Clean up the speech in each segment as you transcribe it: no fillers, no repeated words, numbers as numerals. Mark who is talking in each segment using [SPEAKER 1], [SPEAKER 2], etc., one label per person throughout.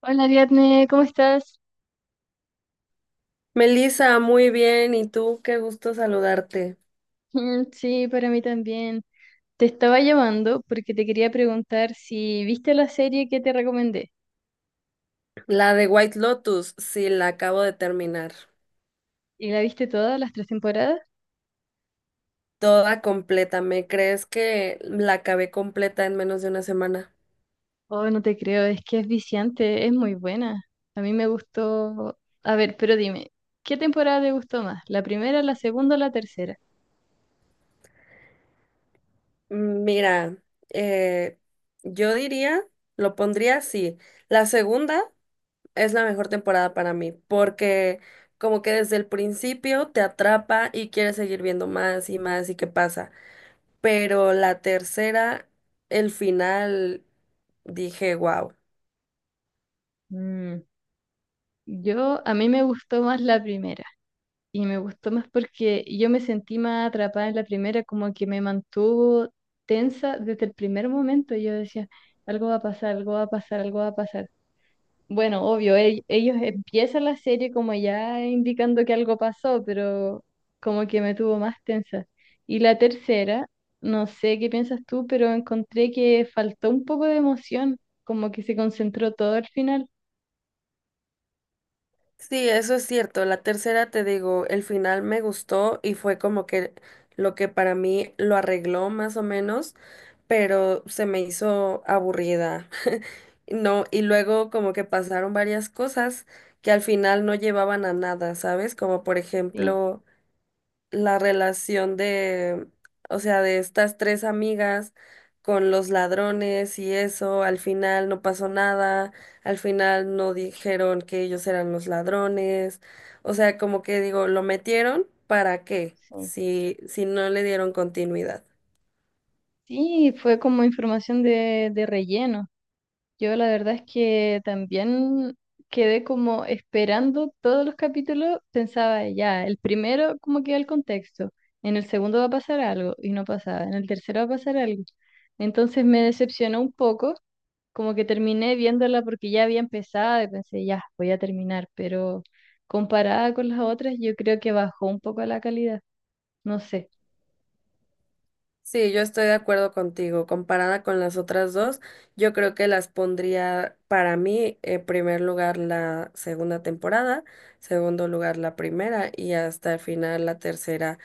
[SPEAKER 1] Hola Ariadne, ¿cómo estás?
[SPEAKER 2] Melissa, muy bien. ¿Y tú? Qué gusto saludarte.
[SPEAKER 1] Mm, sí, para mí también. Te estaba llamando porque te quería preguntar si viste la serie que te recomendé.
[SPEAKER 2] La de White Lotus, sí, la acabo de terminar.
[SPEAKER 1] ¿Y la viste todas las tres temporadas?
[SPEAKER 2] Toda completa. ¿Me crees que la acabé completa en menos de una semana?
[SPEAKER 1] Oh, no te creo, es que es viciante, es muy buena. A mí me gustó. A ver, pero dime, ¿qué temporada te gustó más? ¿La primera, la segunda o la tercera?
[SPEAKER 2] Mira, eh, yo diría, lo pondría así. La segunda es la mejor temporada para mí, porque como que desde el principio te atrapa y quieres seguir viendo más y más y qué pasa. Pero la tercera, el final, dije, wow.
[SPEAKER 1] Mm, yo, a mí me gustó más la primera. Y me gustó más porque yo me sentí más atrapada en la primera, como que me mantuvo tensa desde el primer momento. Yo decía, algo va a pasar, algo va a pasar, algo va a pasar. Bueno, obvio, ellos empiezan la serie como ya indicando que algo pasó, pero como que me tuvo más tensa. Y la tercera, no sé qué piensas tú, pero encontré que faltó un poco de emoción, como que se concentró todo al final.
[SPEAKER 2] Sí, eso es cierto. La tercera, te digo, el final me gustó y fue como que lo que para mí lo arregló más o menos, pero se me hizo aburrida. No, y luego como que pasaron varias cosas que al final no llevaban a nada, ¿sabes? Como por
[SPEAKER 1] Sí,
[SPEAKER 2] ejemplo la relación de, o sea, de estas tres amigas con los ladrones y eso, al final no pasó nada, al final no dijeron que ellos eran los ladrones, o sea, como que digo, lo metieron, ¿para qué?
[SPEAKER 1] sí.
[SPEAKER 2] Si, si no le dieron continuidad.
[SPEAKER 1] Sí, fue como información de relleno. Yo la verdad es que también quedé como esperando todos los capítulos, pensaba ya, el primero como que el contexto, en el segundo va a pasar algo y no pasaba, en el tercero va a pasar algo. Entonces me decepcionó un poco, como que terminé viéndola porque ya había empezado y pensé, ya, voy a terminar, pero comparada con las otras yo creo que bajó un poco la calidad, no sé.
[SPEAKER 2] Sí, yo estoy de acuerdo contigo. Comparada con las otras dos, yo creo que las pondría para mí en primer lugar la segunda temporada, segundo lugar la primera y hasta el final la tercera,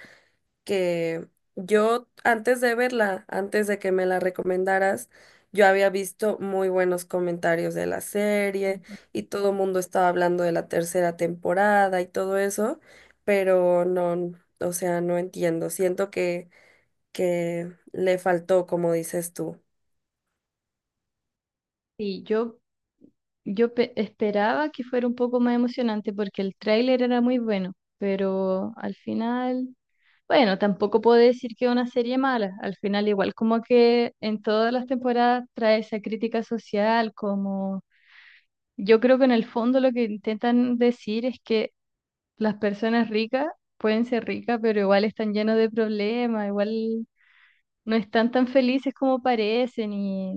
[SPEAKER 2] que yo antes de verla, antes de que me la recomendaras, yo había visto muy buenos comentarios de la serie y todo el mundo estaba hablando de la tercera temporada y todo eso, pero no, o sea, no entiendo. Siento que le faltó, como dices tú.
[SPEAKER 1] Sí, yo esperaba que fuera un poco más emocionante porque el tráiler era muy bueno, pero al final, bueno, tampoco puedo decir que es una serie mala. Al final, igual como que en todas las temporadas trae esa crítica social, como yo creo que en el fondo lo que intentan decir es que las personas ricas pueden ser ricas, pero igual están llenos de problemas, igual no están tan felices como parecen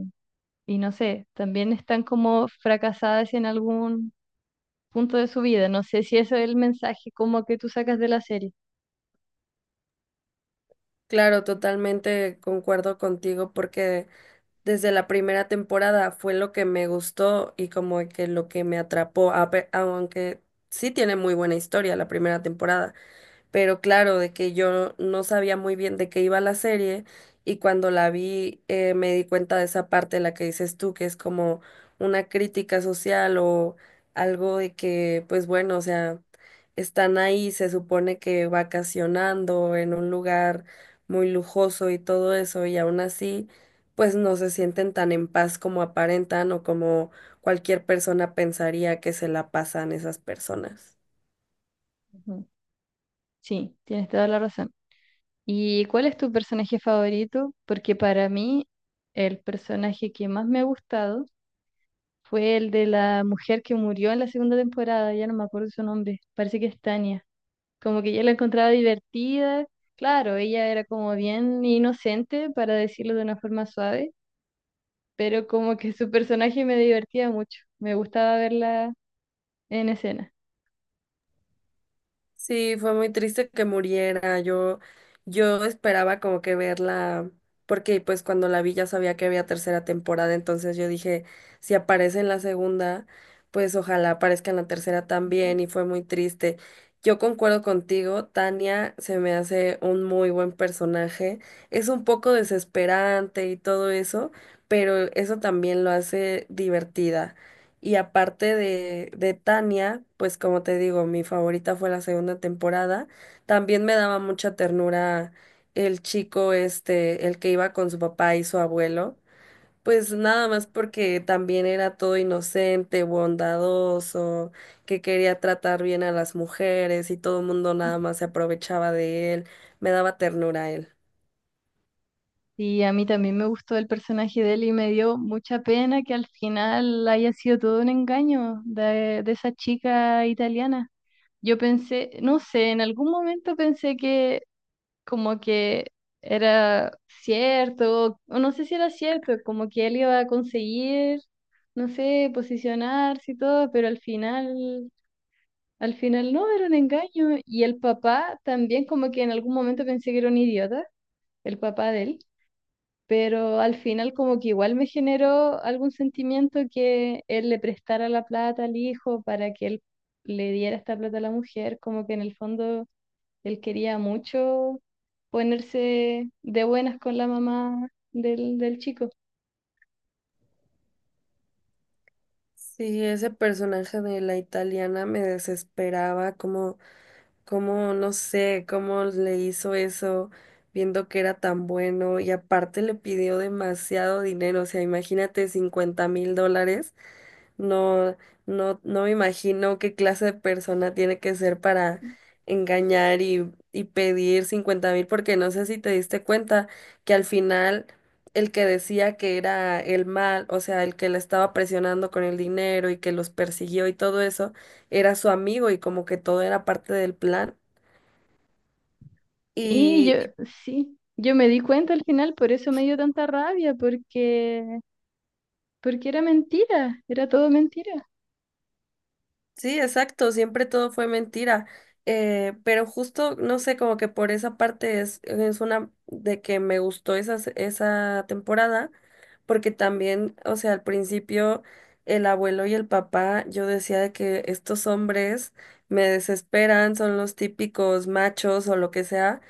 [SPEAKER 1] y no sé, también están como fracasadas en algún punto de su vida. No sé si eso es el mensaje como que tú sacas de la serie.
[SPEAKER 2] Claro, totalmente concuerdo contigo porque desde la primera temporada fue lo que me gustó y como que lo que me atrapó, aunque sí tiene muy buena historia la primera temporada. Pero claro, de que yo no sabía muy bien de qué iba la serie y cuando la vi me di cuenta de esa parte, la que dices tú, que es como una crítica social o algo de que, pues bueno, o sea, están ahí, se supone que vacacionando en un lugar muy lujoso y todo eso y aún así, pues no se sienten tan en paz como aparentan o como cualquier persona pensaría que se la pasan esas personas.
[SPEAKER 1] Ujú. Sí, tienes toda la razón. ¿Y cuál es tu personaje favorito? Porque para mí el personaje que más me ha gustado fue el de la mujer que murió en la segunda temporada, ya no me acuerdo su nombre, parece que es Tania. Como que yo la encontraba divertida, claro, ella era como bien inocente, para decirlo de una forma suave, pero como que su personaje me divertía mucho, me gustaba verla en escena.
[SPEAKER 2] Sí, fue muy triste que muriera. Yo esperaba como que verla, porque pues cuando la vi ya sabía que había tercera temporada, entonces yo dije, si aparece en la segunda, pues ojalá aparezca en la tercera también, y fue muy triste. Yo concuerdo contigo, Tania se me hace un muy buen personaje. Es un poco desesperante y todo eso, pero eso también lo hace divertida. Y aparte de Tania, pues como te digo, mi favorita fue la segunda temporada. También me daba mucha ternura el chico este, el que iba con su papá y su abuelo. Pues nada más porque también era todo inocente, bondadoso, que quería tratar bien a las mujeres y todo el mundo nada más se aprovechaba de él. Me daba ternura a él.
[SPEAKER 1] Y a mí también me gustó el personaje de él y me dio mucha pena que al final haya sido todo un engaño de esa chica italiana. Yo pensé, no sé, en algún momento pensé que como que era cierto, o no sé si era cierto, como que él iba a conseguir, no sé, posicionarse y todo, pero al final no, era un engaño. Y el papá también como que en algún momento pensé que era un idiota, el papá de él, pero al final como que igual me generó algún sentimiento que él le prestara la plata al hijo para que él le diera esta plata a la mujer, como que en el fondo él quería mucho ponerse de buenas con la mamá del chico.
[SPEAKER 2] Sí, ese personaje de la italiana me desesperaba, como Cómo, no sé, cómo le hizo eso, viendo que era tan bueno y aparte le pidió demasiado dinero, o sea, imagínate $50,000, no, no, no me imagino qué clase de persona tiene que ser para engañar y pedir 50,000, porque no sé si te diste cuenta que al final el que decía que era el mal, o sea, el que le estaba presionando con el dinero y que los persiguió y todo eso, era su amigo y como que todo era parte del plan.
[SPEAKER 1] Sí,
[SPEAKER 2] Y,
[SPEAKER 1] yo,
[SPEAKER 2] y
[SPEAKER 1] sí, yo me di cuenta al final, por eso me dio tanta rabia, porque era mentira, era todo mentira.
[SPEAKER 2] sí, exacto, siempre todo fue mentira. Pero justo, no sé, como que por esa parte es una de que me gustó esa temporada, porque también, o sea, al principio el abuelo y el papá, yo decía de que estos hombres me desesperan, son los típicos machos o lo que sea,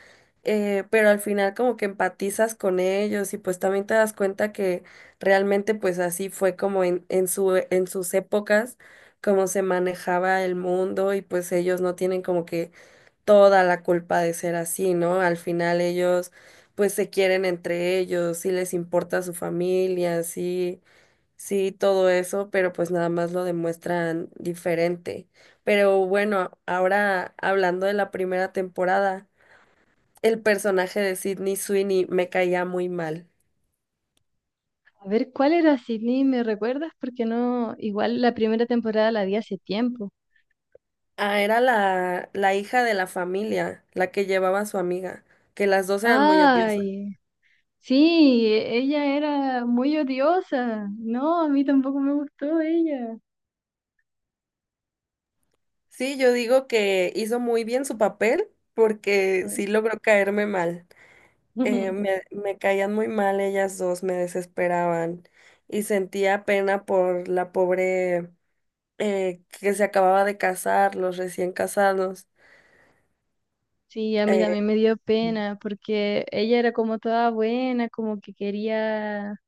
[SPEAKER 2] pero al final como que empatizas con ellos y pues también te das cuenta que realmente pues así fue como en sus épocas cómo se manejaba el mundo y pues ellos no tienen como que toda la culpa de ser así, ¿no? Al final ellos pues se quieren entre ellos, sí les importa su familia, sí, sí, todo eso, pero pues nada más lo demuestran diferente. Pero bueno, ahora hablando de la primera temporada, el personaje de Sydney Sweeney me caía muy mal.
[SPEAKER 1] A ver, ¿cuál era Sydney? ¿Me recuerdas? Porque no, igual la primera temporada la vi hace tiempo.
[SPEAKER 2] Ah, era la hija de la familia, la que llevaba a su amiga, que las dos eran muy odiosas.
[SPEAKER 1] Ay, sí, ella era muy odiosa. No, a mí tampoco me gustó ella.
[SPEAKER 2] Sí, yo digo que hizo muy bien su papel
[SPEAKER 1] Sí.
[SPEAKER 2] porque sí logró caerme mal. Me caían muy mal ellas dos, me desesperaban y sentía pena por la pobre que se acababa de casar, los recién casados.
[SPEAKER 1] Sí, a mí
[SPEAKER 2] eh,
[SPEAKER 1] también me dio pena porque ella era como toda buena, como que quería,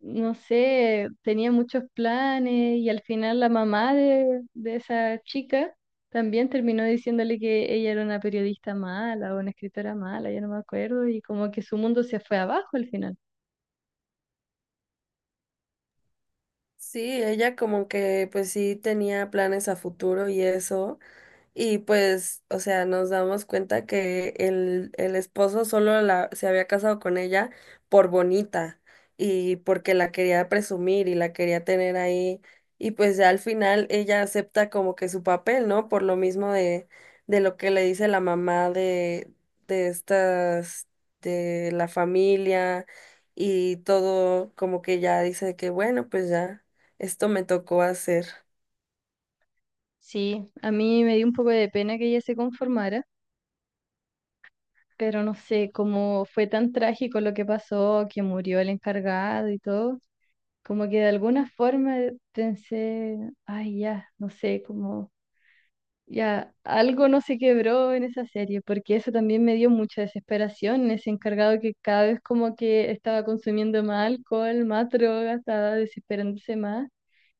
[SPEAKER 1] no sé, tenía muchos planes y al final la mamá de esa chica también terminó diciéndole que ella era una periodista mala o una escritora mala, ya no me acuerdo, y como que su mundo se fue abajo al final.
[SPEAKER 2] Sí, ella como que pues sí tenía planes a futuro y eso. Y pues, o sea, nos damos cuenta que el esposo se había casado con ella por bonita y porque la quería presumir y la quería tener ahí. Y pues ya al final ella acepta como que su papel, ¿no? Por lo mismo de lo que le dice la mamá de estas, de la familia y todo, como que ya dice que bueno, pues ya. Esto me tocó hacer.
[SPEAKER 1] Sí, a mí me dio un poco de pena que ella se conformara, pero no sé, como fue tan trágico lo que pasó, que murió el encargado y todo, como que de alguna forma pensé, ay, ya, no sé, como ya algo no se quebró en esa serie, porque eso también me dio mucha desesperación, ese encargado que cada vez como que estaba consumiendo más alcohol, más droga, estaba desesperándose más.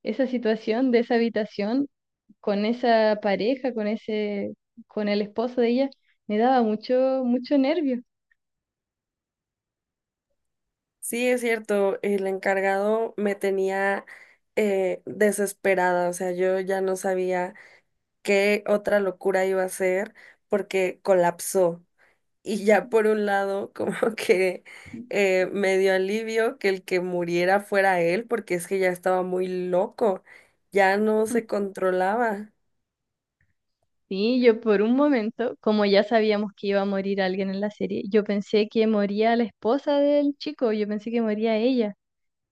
[SPEAKER 1] Esa situación de esa habitación, con esa pareja, con el esposo de ella, me daba mucho, mucho nervio.
[SPEAKER 2] Sí, es cierto, el encargado me tenía desesperada, o sea, yo ya no sabía qué otra locura iba a hacer porque colapsó. Y ya por un lado, como que me dio alivio que el que muriera fuera él, porque es que ya estaba muy loco, ya no se controlaba.
[SPEAKER 1] Sí, yo por un momento, como ya sabíamos que iba a morir alguien en la serie, yo pensé que moría la esposa del chico, yo pensé que moría ella.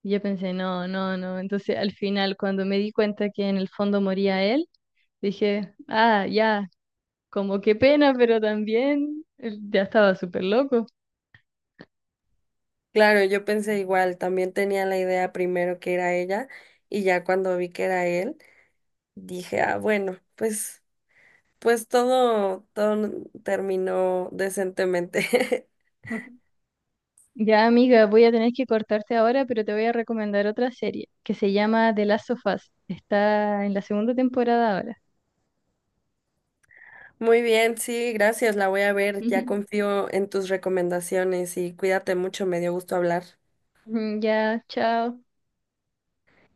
[SPEAKER 1] Yo pensé, no, no, no. Entonces al final, cuando me di cuenta que en el fondo moría él, dije, ah, ya, como qué pena, pero también ya estaba súper loco.
[SPEAKER 2] Claro, yo pensé igual, también tenía la idea primero que era ella y ya cuando vi que era él. Dije, ah, bueno, pues todo terminó decentemente.
[SPEAKER 1] Ya, amiga, voy a tener que cortarte ahora, pero te voy a recomendar otra serie que se llama The Last of Us. Está en la segunda temporada ahora.
[SPEAKER 2] Muy bien, sí, gracias, la voy a ver. Ya
[SPEAKER 1] Ujú.
[SPEAKER 2] confío en tus recomendaciones y cuídate mucho, me dio gusto hablar.
[SPEAKER 1] Ya, chao.